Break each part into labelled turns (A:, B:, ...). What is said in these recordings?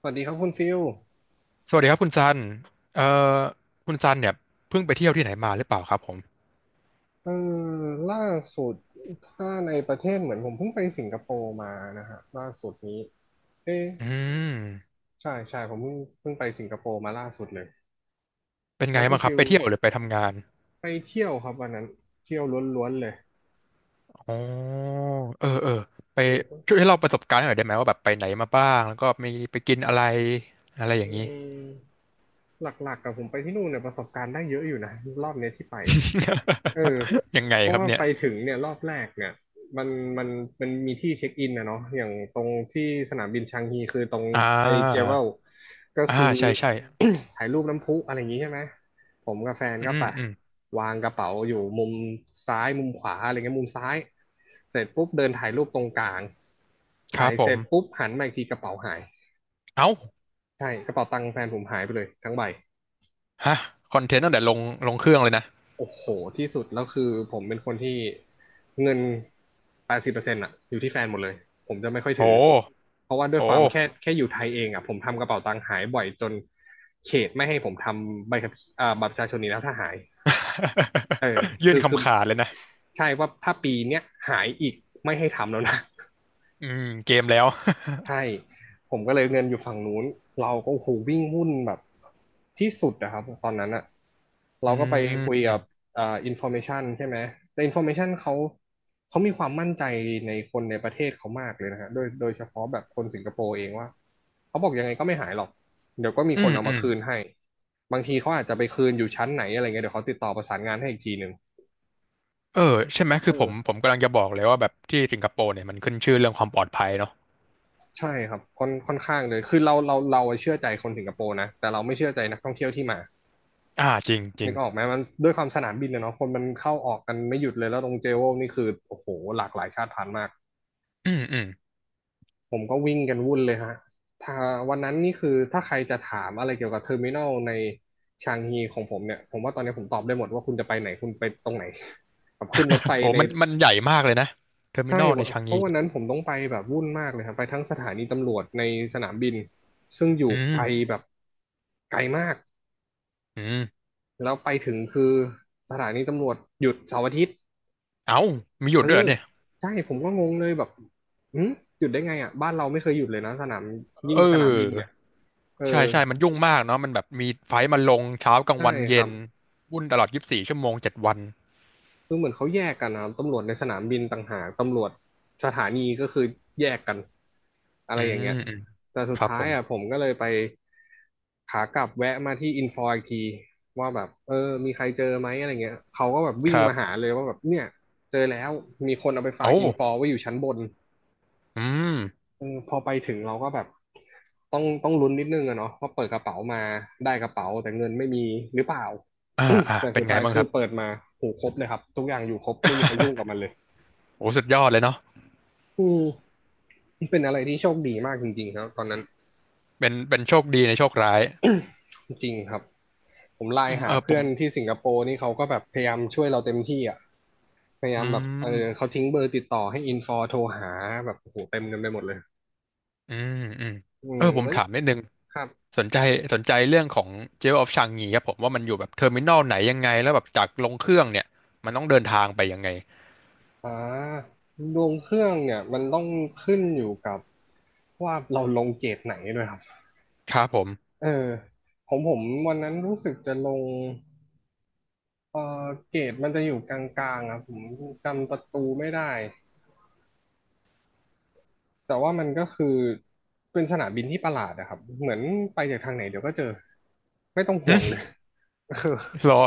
A: สวัสดีครับคุณฟิล
B: สวัสดีครับคุณซันเอ่อคุณซันเนี่ยเพิ่งไปเที่ยวที่ไหนมาหรือเปล่าครับผม
A: เออล่าสุดถ้าในประเทศเหมือนผมเพิ่งไปสิงคโปร์มานะฮะล่าสุดนี้เอ๊ะ
B: อืม
A: ใช่ใช่ผมเพิ่งไปสิงคโปร์มาล่าสุดเลย
B: เป็น
A: แล้
B: ไง
A: วคุ
B: บ้า
A: ณ
B: งครับ
A: ฟิล
B: ไปเที่ยวหรือไปทำงาน
A: ไปเที่ยวครับวันนั้นเที่ยวล้วนๆเลย
B: อ๋อเออเออไป
A: มันก็
B: ช่วยให้เราประสบการณ์หน่อยได้ไหมว่าแบบไปไหนมาบ้างแล้วก็มีไปกินอะไรอะไรอ
A: อื
B: ย่างนี้
A: มหลักๆกับผมไปที่นู่นเนี่ยประสบการณ์ได้เยอะอยู่นะรอบเนี้ยที่ไป เออ
B: ยังไง
A: เพ
B: ค
A: ราะ
B: รับ
A: ว่า
B: เนี่ย
A: ไปถึงเนี่ยรอบแรกเนี่ยมันมันมันมีที่เช็คอินนะเนาะอย่างตรงที่สนามบินชางฮีคือตรง
B: อ่า
A: ไอเจเวลก็
B: อ่า
A: คือ
B: ใช่ใช่
A: ถ่ายรูปน้ำพุอะไรอย่างงี้ใช่ไหมผมกับแฟน
B: อื
A: ก็
B: ม
A: ไป
B: อืม
A: วางกระเป๋าอยู่มุมซ้ายมุมขวาอะไรเงี้ยมุมซ้ายเสร็จปุ๊บเดินถ่ายรูปตรงกลาง
B: ค
A: ถ่า
B: รั
A: ย
B: บผ
A: เสร็
B: ม
A: จปุ๊บหันมาอีกทีกระเป๋าหาย
B: เอ้า
A: ใช่กระเป๋าตังค์แฟนผมหายไปเลยทั้งใบ
B: ฮะคอนเทนต์ตั้งแต่ลงเครื่องเลยนะ
A: โอ้โหที่สุดแล้วคือผมเป็นคนที่เงิน80%อะอยู่ที่แฟนหมดเลยผมจะไม่ค่อย
B: โอ้
A: ถือเพราะว่าด้วยความแค่
B: โห
A: แค่อยู่ไทยเองอะผมทำกระเป๋าตังค์หายบ่อยจนเขตไม่ให้ผมทำใบขับบัตรประชาชนนี้แล้วถ้าหายเออ
B: ยื่
A: คื
B: น
A: อคือ
B: คำขาดเลยนะ
A: ใช่ว่าถ้าปีเนี้ยหายอีกไม่ให้ทำแล้วนะ
B: อืมเกมแล้ว
A: ใช่ ผมก็เลยเงินอยู่ฝั่งนู้น เราก็โอ้โหวิ่งหุ้นแบบที่สุดนะครับตอนนั้นอะ
B: อื
A: เราก็ไปคุยกับ
B: ม
A: อินฟอร์เมชันใช่ไหมแต่อินฟอร์เมชันเขามีความมั่นใจในคนในประเทศเขามากเลยนะฮะโดยเฉพาะแบบคนสิงคโปร์เองว่าเขาบอกยังไงก็ไม่หายหรอกเดี๋ยวก็มี
B: อื
A: คน
B: ม
A: เอา
B: อื
A: มา
B: มอื
A: คืน
B: ม
A: ให้บางทีเขาอาจจะไปคืนอยู่ชั้นไหนอะไรเงี้ยเดี๋ยวเขาติดต่อประสานงานให้อีกทีหนึ่ง
B: เออใช่ไหม
A: เอ
B: คือผมผ
A: อ
B: มกำลังจะบอกเลยว่าแบบที่สิงคโปร์เนี่ยมันขึ้นชื่อเรื่องความปลอดภัยเนาะ
A: ใช่ครับค่อนข้างเลยคือเราเชื่อใจคนสิงคโปร์นะแต่เราไม่เชื่อใจนักท่องเที่ยวที่มา
B: อ่าจริงจริ
A: นึ
B: ง
A: กออกไหมมันด้วยความสนามบินอะเนาะคนมันเข้าออกกันไม่หยุดเลยแล้วตรงเจโวลนี่คือโอ้โหหลากหลายชาติพันธุ์มาก
B: อืมอืม
A: ผมก็วิ่งกันวุ่นเลยฮะถ้าวันนั้นนี่คือถ้าใครจะถามอะไรเกี่ยวกับเทอร์มินอลในชางฮีของผมเนี่ยผมว่าตอนนี้ผมตอบได้หมดว่าคุณจะไปไหนคุณไปตรงไหน กับขึ้นรถไฟ
B: โห
A: ใน
B: มันใหญ่มากเลยนะเทอร์มิ
A: ใช่
B: นอลในชาง
A: เพ
B: งี
A: ราะวัน
B: เนี่ย
A: นั้นผมต้องไปแบบวุ่นมากเลยครับไปทั้งสถานีตำรวจในสนามบินซึ่งอยู่
B: อื
A: ไกล
B: ม
A: แบบไกลมาก
B: อืม
A: แล้วไปถึงคือสถานีตำรวจหยุดเสาร์อาทิตย์
B: เอ้ามีหยุ
A: เอ
B: ด
A: อ
B: ด้วยเหรอเนี่ย
A: ใช่ผมก็งงเลยแบบอืมหยุดได้ไงอ่ะบ้านเราไม่เคยหยุดเลยนะสนามยิ่ง
B: เ
A: สนามบินเนี่
B: ออ
A: ยเออ
B: ใช่ใช่มันยุ่งมากเนาะมันแบบมีไฟล์มาลงเช้ากลาง
A: ใช่
B: วัน
A: ค
B: เย็
A: รับ
B: นวุ่นตลอด24ชั่วโมง7วัน
A: คือเหมือนเขาแยกกันนะครับตำรวจในสนามบินต่างหากตำรวจสถานีก็คือแยกกันอะ
B: อื
A: ไรอย่าง
B: ม
A: เงี้ย
B: อืม
A: แต่สุ
B: ค
A: ด
B: รับ
A: ท้า
B: ผ
A: ย
B: ม
A: อ่ะผมก็เลยไปขากลับแวะมาที่อินฟออีกทีว่าแบบมีใครเจอไหมอะไรเงี้ยเขาก็แบบ
B: ค
A: วิ่ง
B: รับ
A: มาหาเลยว่าแบบเนี่ยเจอแล้วมีคนเอาไปฝาก
B: โอ้
A: อินฟอไว้อยู่ชั้นบน
B: อืม
A: พอไปถึงเราก็แบบต้องลุ้นนิดนึงอะเนาะว่าเปิดกระเป๋ามาได้กระเป๋าแต่เงินไม่มีหรือเปล่า
B: อ่าอ่า
A: แต่
B: เป็
A: สุ
B: น
A: ด
B: ไง
A: ท้าย
B: บ้าง
A: คื
B: ค
A: อ
B: รับ
A: เปิดมาหูครบเลยครับทุกอย่างอยู่ครบไม่มีใครยุ่งกับมันเลย
B: โอ้สุดยอดเลยเนาะ
A: อืมเป็นอะไรที่โชคดีมากจริงๆครับตอนนั้น
B: เป็นโชคดีในโชคร้าย
A: จริงครับผมไล
B: อื
A: น์
B: ม
A: หา
B: เออผ
A: เพื่อ
B: ม
A: นที่สิงคโปร์นี่เขาก็แบบพยายามช่วยเราเต็มที่อ่ะพยายา
B: อื
A: มแบบ
B: ม
A: เขาทิ้งเบอร์ติดต่อให้อินฟอโทรหาแบบโอ้โหเต็มกันไปหมดเลย
B: อืมอืม
A: อื
B: เอ
A: ม
B: อผม
A: เฮ้ย
B: ถามนิดนึง
A: ครับ
B: สนใจสนใจเรื่องของเจลออฟชางงีครับผมว่ามันอยู่แบบเทอร์มินอลไหนยังไงแล้วแบบจากลงเครื่องเนี่ยมันต้องเดินทางไปยังไง
A: อ่าดวงเครื่องเนี่ยมันต้องขึ้นอยู่กับว่าเราลงเกรดไหนด้วยครับ
B: ครับผม
A: เออของผมวันนั้นรู้สึกจะลงเออเกรดมันจะอยู่กลางๆครับผมจำประตูไม่ได้แต่ว่ามันก็คือเป็นสนามบินที่ประหลาดนะครับเหมือนไปจากทางไหนเดี๋ยวก็เจอไม่ต้อง
B: ห
A: ห่วงเล
B: ึ
A: ย คือ
B: รอ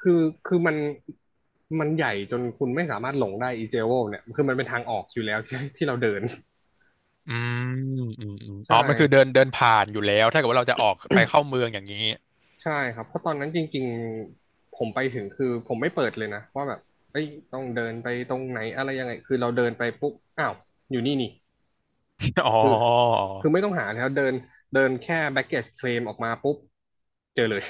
A: คือคือมันใหญ่จนคุณไม่สามารถหลงได้ อีเจโวเนี่ยคือมันเป็นทางออกอยู่แล้วที่เราเดิน
B: อืมอืมอืม
A: ใช
B: อ๋อมันคือเดิน
A: ่
B: เดินผ่านอยู่แล้วถ้าเกิดว่าเราจะออกไป เข้าเมืองอย่างนี้
A: ใช่ครับเพราะตอนนั้นจริงๆผมไปถึงคือผมไม่เปิดเลยนะว่าแบบเอ้ยต้องเดินไปตรงไหนอะไรยังไงคือเราเดินไปปุ๊บอ้าวอยู่นี่นี่
B: อ๋อ
A: คือคือไม่ต้องหาแล้วเดินเดินแค่ baggage claim ออกมาปุ๊บเจอเลย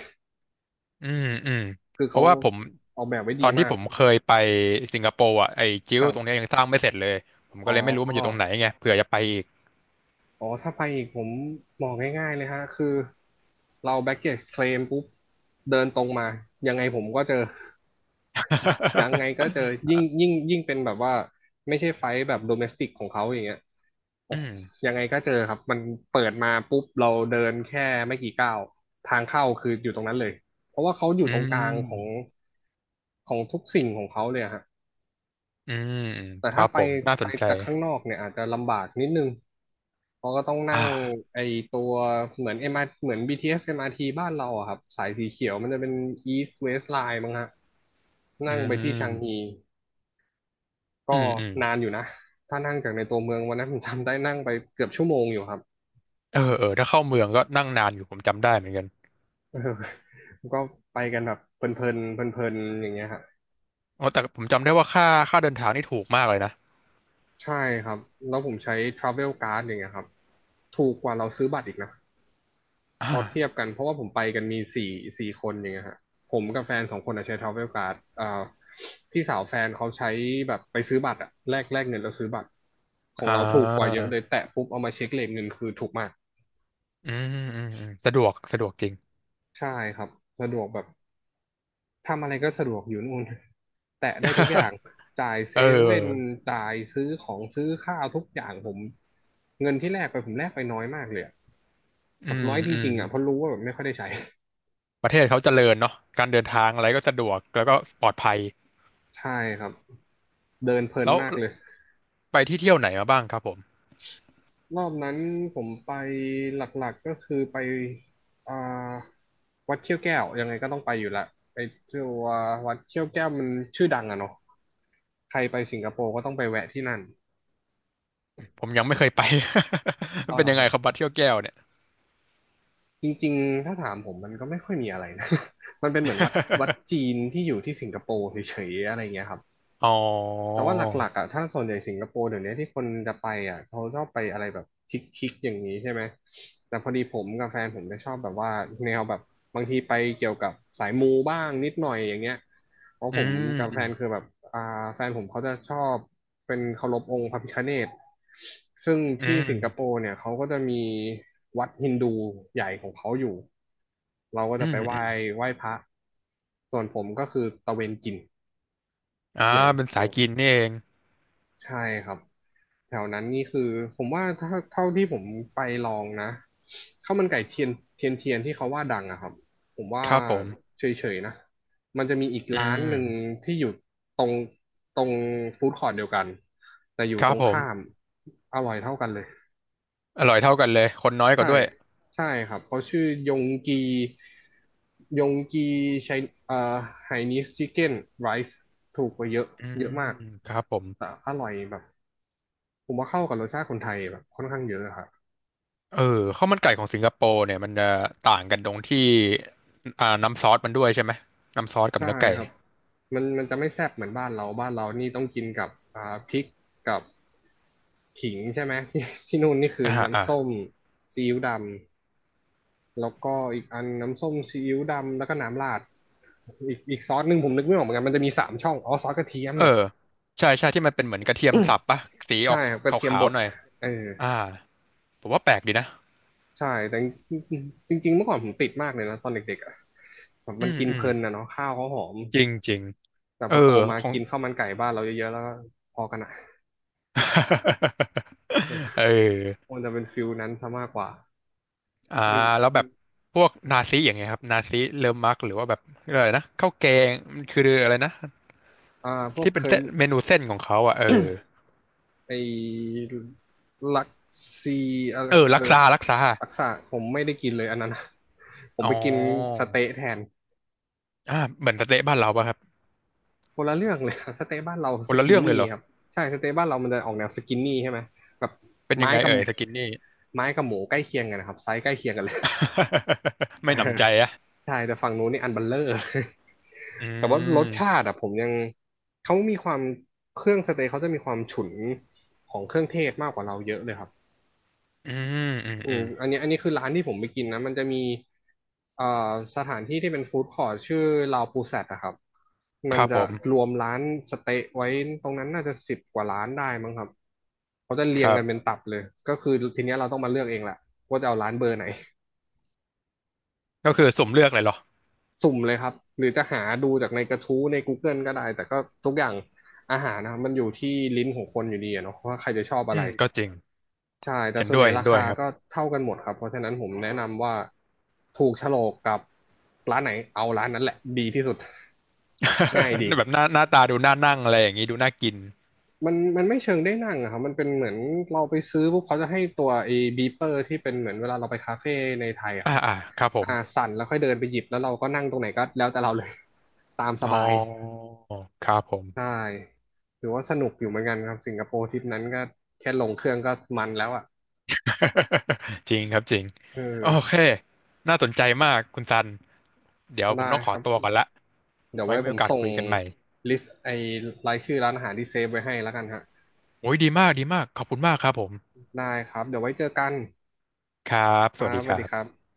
B: อืมอืม
A: คือ
B: เพ
A: เขา
B: ราะว่าผม
A: ออกแบบไว้
B: ตอ
A: ดี
B: นที่
A: มาก
B: ผมเคยไปสิงคโปร์อ่ะไอ้จิ้
A: ค
B: ว
A: รับ
B: ตรงเนี้ยยังสร้างไม่เสร็จเลยผมก็
A: อ๋อ
B: เลยไม่รู้มันอยู่ตรงไหนไงเผื่อจะไปอีก
A: อ๋อถ้าไปอีกผมมองง่ายๆเลยฮะคือเรา baggage claim ปุ๊บเดินตรงมายังไงผมก็เจอ ยังไงก็เจอ ยิ่งเป็นแบบว่าไม่ใช่ไฟท์แบบโดเมสติกของเขาอย่างเงี้ยโอ้
B: อืม
A: ยังไงก็เจอครับมันเปิดมาปุ๊บเราเดินแค่ไม่กี่ก้าวทางเข้าคืออยู่ตรงนั้นเลยเพราะว่าเขาอยู่
B: อื
A: ตรงกลางของ
B: ม
A: ทุกสิ่งของเขาเลยอะฮะ
B: อืม
A: แต่
B: ครั
A: ถ้า
B: บ
A: ไป
B: ผมน่าสนใจ
A: จากข้างนอกเนี่ยอาจจะลำบากนิดนึงเพราะก็ต้องนั่ง
B: อ่า
A: ไอตัวเหมือนเอ็มอาร์เหมือนบีทีเอสเอ็มอาร์ทีบ้านเราอะครับสายสีเขียวมันจะเป็น East West Line มั้งฮะ
B: อื
A: นั่งไปที่ชางฮี
B: มอื
A: ก็
B: มอืม
A: นานอยู่นะ ถ้านั่งจากในตัวเมืองวันนั้นผมจำได้นั่งไปเกือบชั่วโมงอยู่ครับ
B: เออเออถ้าเข้าเมืองก็นั่งนานอยู่ผมจำได้เหมือนกัน
A: เออก็ไปกันแบบเพลินๆเพลินๆอย่างเงี้ยฮะ
B: โอ้แต่ผมจำได้ว่าค่าเดินทางนี่ถูกมากเลยนะ
A: ใช่ครับ แล้วผมใช้ Travel Card อย่างเงี้ยครับถูกกว่าเราซื้อบัตรอีกนะพอเทียบ
B: อ่า
A: กันเพราะว่าผมไปกันมีสี่คนอย่างเงี้ยฮะผมกับแฟนสองคนอะใช้ Travel Card อ่าพี่สาวแฟนเขาใช้แบบไปซื้อบัตรอะแลกเงินแล้วซื้อบัตรของ
B: อ่
A: เราถูกกว่าเย
B: า
A: อะเลยแตะปุ๊บเอามาเช็คเลทเงินคือถูกมาก
B: อืมอืมอืมสะดวกสะดวกจริง
A: ใช่ครับสะดวกแบบ ทำอะไรก็สะดวกอยู่นู่น แตะได้ทุกอย่างจ่าย เซ
B: เอ
A: เว่น
B: อ
A: จ่ายซื้อของซื้อข้าวทุกอย่างผมเงินที่แลกไปผมแลกไปน้อยมากเลยอะ
B: อื
A: แบบ
B: ม
A: น้อยจ
B: อืม
A: ริงๆอ่ะเพราะรู้ว่าแบบไม่ค่อยได้ใช้
B: ประเทศเขาเจริญเนาะการเดินทางอะไรก็สะดวกแล้วก็ปลอดภัย
A: ใช่ครับ เดินเพลิน
B: แล้ว
A: มากเลย
B: ไปที่เที่ยวไหนมาบ้างครับผม
A: รอบนั้นผมไปหลักๆก็คือไปอ่าวัดเขี้ยวแก้วยังไงก็ต้องไปอยู่ละไปตัววัดเขี้ยวแก้วมันชื่อดังอะเนาะใครไปสิงคโปร์ก็ต้องไปแวะที่นั่น
B: ผมยังไม่เคยไป มั
A: อ๋
B: น
A: อ
B: เป็
A: เหร
B: น
A: อ
B: ยัง
A: ค
B: ไง
A: รับ
B: ครับบัดเที่ยวแก้วเนี่ย
A: จริงๆ ถ้าถามผมมันก็ไม่ค่อยมีอะไรนะ มันเป็นเหมือนวัดจีนที่อยู่ที่สิงคโปร์เฉยๆ อะไรเงี้ยครับ
B: อ๋อ
A: แต่ว่าหลักๆอ่ะถ้าส่วนใหญ่สิงคโปร์เดี๋ยวนี้ที่คนจะไปอ่ะเขาชอบไปอะไรแบบชิคๆอย่างนี้ใช่ไหมแต่พอดีผมกับแฟนผมจะชอบแบบว่าแนวแบบบางทีไปเกี่ยวกับสายมูบ้างนิดหน่อยอย่างเงี้ยเพราะ
B: อื
A: ผม
B: ม
A: กับ
B: อื
A: แฟ
B: ม
A: นคือแบบอ่าแฟนผมเขาจะชอบเป็นเคารพองค์พระพิฆเนศซึ่ง
B: อื
A: ที่
B: ม
A: สิงคโปร์เนี่ยเขาก็จะมีวัดฮินดูใหญ่ของเขาอยู่เราก็
B: อื
A: จะไป
B: ม
A: ไห
B: อื
A: ว้
B: ม
A: ไหว้พระส่วนผมก็คือตะเวนกิน
B: อ่า
A: อย่าง
B: เป็น
A: เดี
B: สา
A: ย
B: ย
A: ว
B: กินนี่เอง
A: ใช่ครับแถวนั้นนี่คือผมว่าถ้าเท่าที่ผมไปลองนะข้าวมันไก่เทียนเทียนเทียนที่เขาว่าดังอะครับผมว่า
B: ครับผม
A: เฉยๆนะมันจะมีอีก
B: อื
A: ร้านห
B: ม
A: นึ่งที่อยู่ตรงตรงฟู้ดคอร์ทเดียวกันแต่อยู่
B: ค
A: ต
B: รั
A: ร
B: บ
A: ง
B: ผ
A: ข้าม
B: ม
A: อร่อยเท่ากันเลย
B: อร่อยเท่ากันเลยคนน้อยกว่า
A: ใช่
B: ด้วย
A: ใช่ครับเขาชื่อยงกียงกีไชเอ่อไฮนีสชิคเก้นไรซ์ถูกกว่าเยอะ
B: อื
A: เยอะ
B: ม
A: มาก
B: ครับผม
A: แต่อร่อยแบบ ผมว่าเข้ากับรสชาติคนไทยแบบค่อนข้างเยอะครับ
B: เออข้าวมันไก่ของสิงคโปร์เนี่ยมันจะต่างกันตรงที่อ่าน้ำซอสมันด้วยใช่ไหมน้ำซอสกับ
A: ใช่
B: เนื้อไก่
A: ครับมันจะไม่แซ่บเหมือนบ้านเราบ้านเรานี่ต้องกินกับอ่าพริกกับขิงใช่ไหมที่ ที่นู่นนี่คือ
B: อ่าอ่า
A: น้ำส้มซีอิ๊วดำแล้วก็อีกอันน้ำส้มซีอิ๊วดำแล้วก็น้ำราดอีกซอสหนึ่งผมนึกไม่ออกเหมือนกันมันจะมีสามช่องอ๋อซอสกระเทียม
B: เออใช่ใช่ที่มันเป็นเหมือนกระเทียมสับปะสีออ
A: ใช่
B: ก
A: ครับก
B: ข
A: ระเทียม
B: า
A: บ
B: ว
A: ด
B: ๆหน่อย
A: เออ
B: อ่าผมว่าแปลกดีนะ
A: ใช่แต่จริงจริงๆเมื่อก่อนผมติดมากเลยนะตอนเด็กๆอ่ะแบบ
B: อื
A: มัน
B: ม
A: กิน
B: อื
A: เพ
B: ม
A: ลินนะเนาะข้าวเขาหอม
B: จริงจริง
A: แต่พ
B: เอ
A: อโต
B: อ
A: มา
B: ของ
A: กินข้าวมันไก่บ้านเราเยอะๆแล้วก็พอกันอ่ะ
B: เอ อ
A: มันจะเป็นฟิลนั้นซะมากกว่า
B: อ่า
A: หึ่ง
B: แล้วแบบพวกนาซีอย่างเงี้ยครับนาซีเลอมักหรือว่าแบบอะไรนะข้าวแกงมันคืออะไรนะ
A: อ่าพวก
B: ที่
A: เค
B: เป็น
A: ย
B: เส้นเมนูเส้นของเขาอ่ะเออ
A: ไอ้ลักซีอะไร
B: เออ
A: เอ
B: ลัก
A: อ
B: ซาลักซา
A: ลักษาผมไม่ได้กินเลยอันนั้นอะ ผม
B: อ๋อ
A: ไปกินสเต๊ะแทน
B: อ่าเหมือนสเต๊ะบ้านเราป่ะครับ
A: คนละเรื่องเลย สเต๊ะบ้านเรา
B: ค
A: ส
B: นละ
A: กิน
B: เรื่องเลย
A: นี่
B: เหรอ
A: ครับใช่สเต๊ะบ้านเรามันจะออกแนวสกินนี่ใช่ไหมแบบ
B: เป็นยั
A: ไม้
B: งไง
A: กับ
B: เอ่ยสกินนี่
A: ไม้กับหมูใกล้เคียงกันนะครับไซส์ใกล้เคียงกันเลย
B: ไม่
A: อ่า
B: หนำใจอะ
A: ใช่แต่ฝั่งนู้นนี่อันเบัลเลอร์ เลย
B: อื
A: แต่ว่ารสชา
B: ม
A: ติอะผมยังเขามีความเครื่องสเต็กเขาจะมีความฉุนของเครื่องเทศมากกว่าเราเยอะเลยครับ
B: อืมอืม
A: อื
B: อื
A: ม
B: ม
A: อันนี้คือร้านที่ผมไปกินนะมันจะมีเอ่อสถานที่ที่เป็นฟู้ดคอร์ทชื่อลาวปูแซดนะครับ
B: ค
A: มัน
B: รับผ
A: จะ
B: ม
A: รวมร้านสเต๊ะไว้ตรงนั้นน่าจะ10 กว่าร้านได้มั้งครับเขาจะ
B: ค
A: เรียง
B: รั
A: กันเป็น
B: บ
A: ตับเลยก็คือทีเนี้ยเราต้องมาเลือกเองแหละว่าจะเอาร้านเบอร์ไหน
B: ก็คือสุ่มเลือกเลยเหรอ
A: สุ่มเลยครับ หรือจะหาดูจากในกระทู้ใน Google ก็ได้ แต่ก็ทุกอย่างอาหารนะครับมันอยู่ที่ลิ้นของคนอยู่ดีอะเนาะว่าใครจะชอบอะ
B: อื
A: ไร
B: มก็จริง
A: ใช่ แต่
B: เห็น
A: ส่วน
B: ด้
A: ให
B: ว
A: ญ่
B: ยเห็
A: รา
B: นด้ว
A: คา
B: ยครับ
A: ก็เท่ากันหมดครับ เพราะฉะนั้นผมแนะนำว่าถูกโฉลกกับร้านไหนเอาร้านนั้นแหละดีที่สุด ง่ายดี
B: แบบหน้าตาดูน่านั่งอะไรอย่างงี้ดูน่ากิน
A: มันไม่เชิงได้นั่งอะครับ มันเป็นเหมือนเราไปซื้อปุ๊บเขาจะให้ตัวไอ้บีเปอร์ที่เป็นเหมือนเวลาเราไปคาเฟ่ในไทยอะครั
B: อ่า
A: บ
B: อ่าครับผม
A: อ่าสั่นแล้วค่อยเดินไปหยิบแล้วเราก็นั่งตรงไหนก็แล้วแต่เราเลย ตามส
B: อ๋อ
A: บาย
B: ครับผม
A: ใช่ถือว่าสนุกอยู่เหมือนกันครับ สิงคโปร์ทริปนั้นก็แค่ลงเครื่องก็มันแล้วอ่ะ
B: จริงครับจริง
A: เออ
B: โอเค น่าสนใจมากคุณซัน เดี๋ยวผ
A: ได้
B: มต้องข
A: ค
B: อ
A: รับ
B: ตัวก่อนละ
A: เดี๋ยว
B: ไว้
A: ไว้
B: มี
A: ผ
B: โอ
A: ม
B: กาส
A: ส่ง
B: คุยกันใหม่
A: ลิสต์ไอ้รายชื่อร้านอาหารที่เซฟไว้ให้แล้วกันฮะ
B: โอ้ยดีมากดีมาก ขอบคุณมากครับผม
A: ได้ครับ เดี๋ยวไว้เจอกัน
B: ครับ
A: ค
B: ส
A: รั
B: วัส
A: บ
B: ดี
A: ส
B: ค
A: วัส
B: รั
A: ดีครั
B: บ
A: บ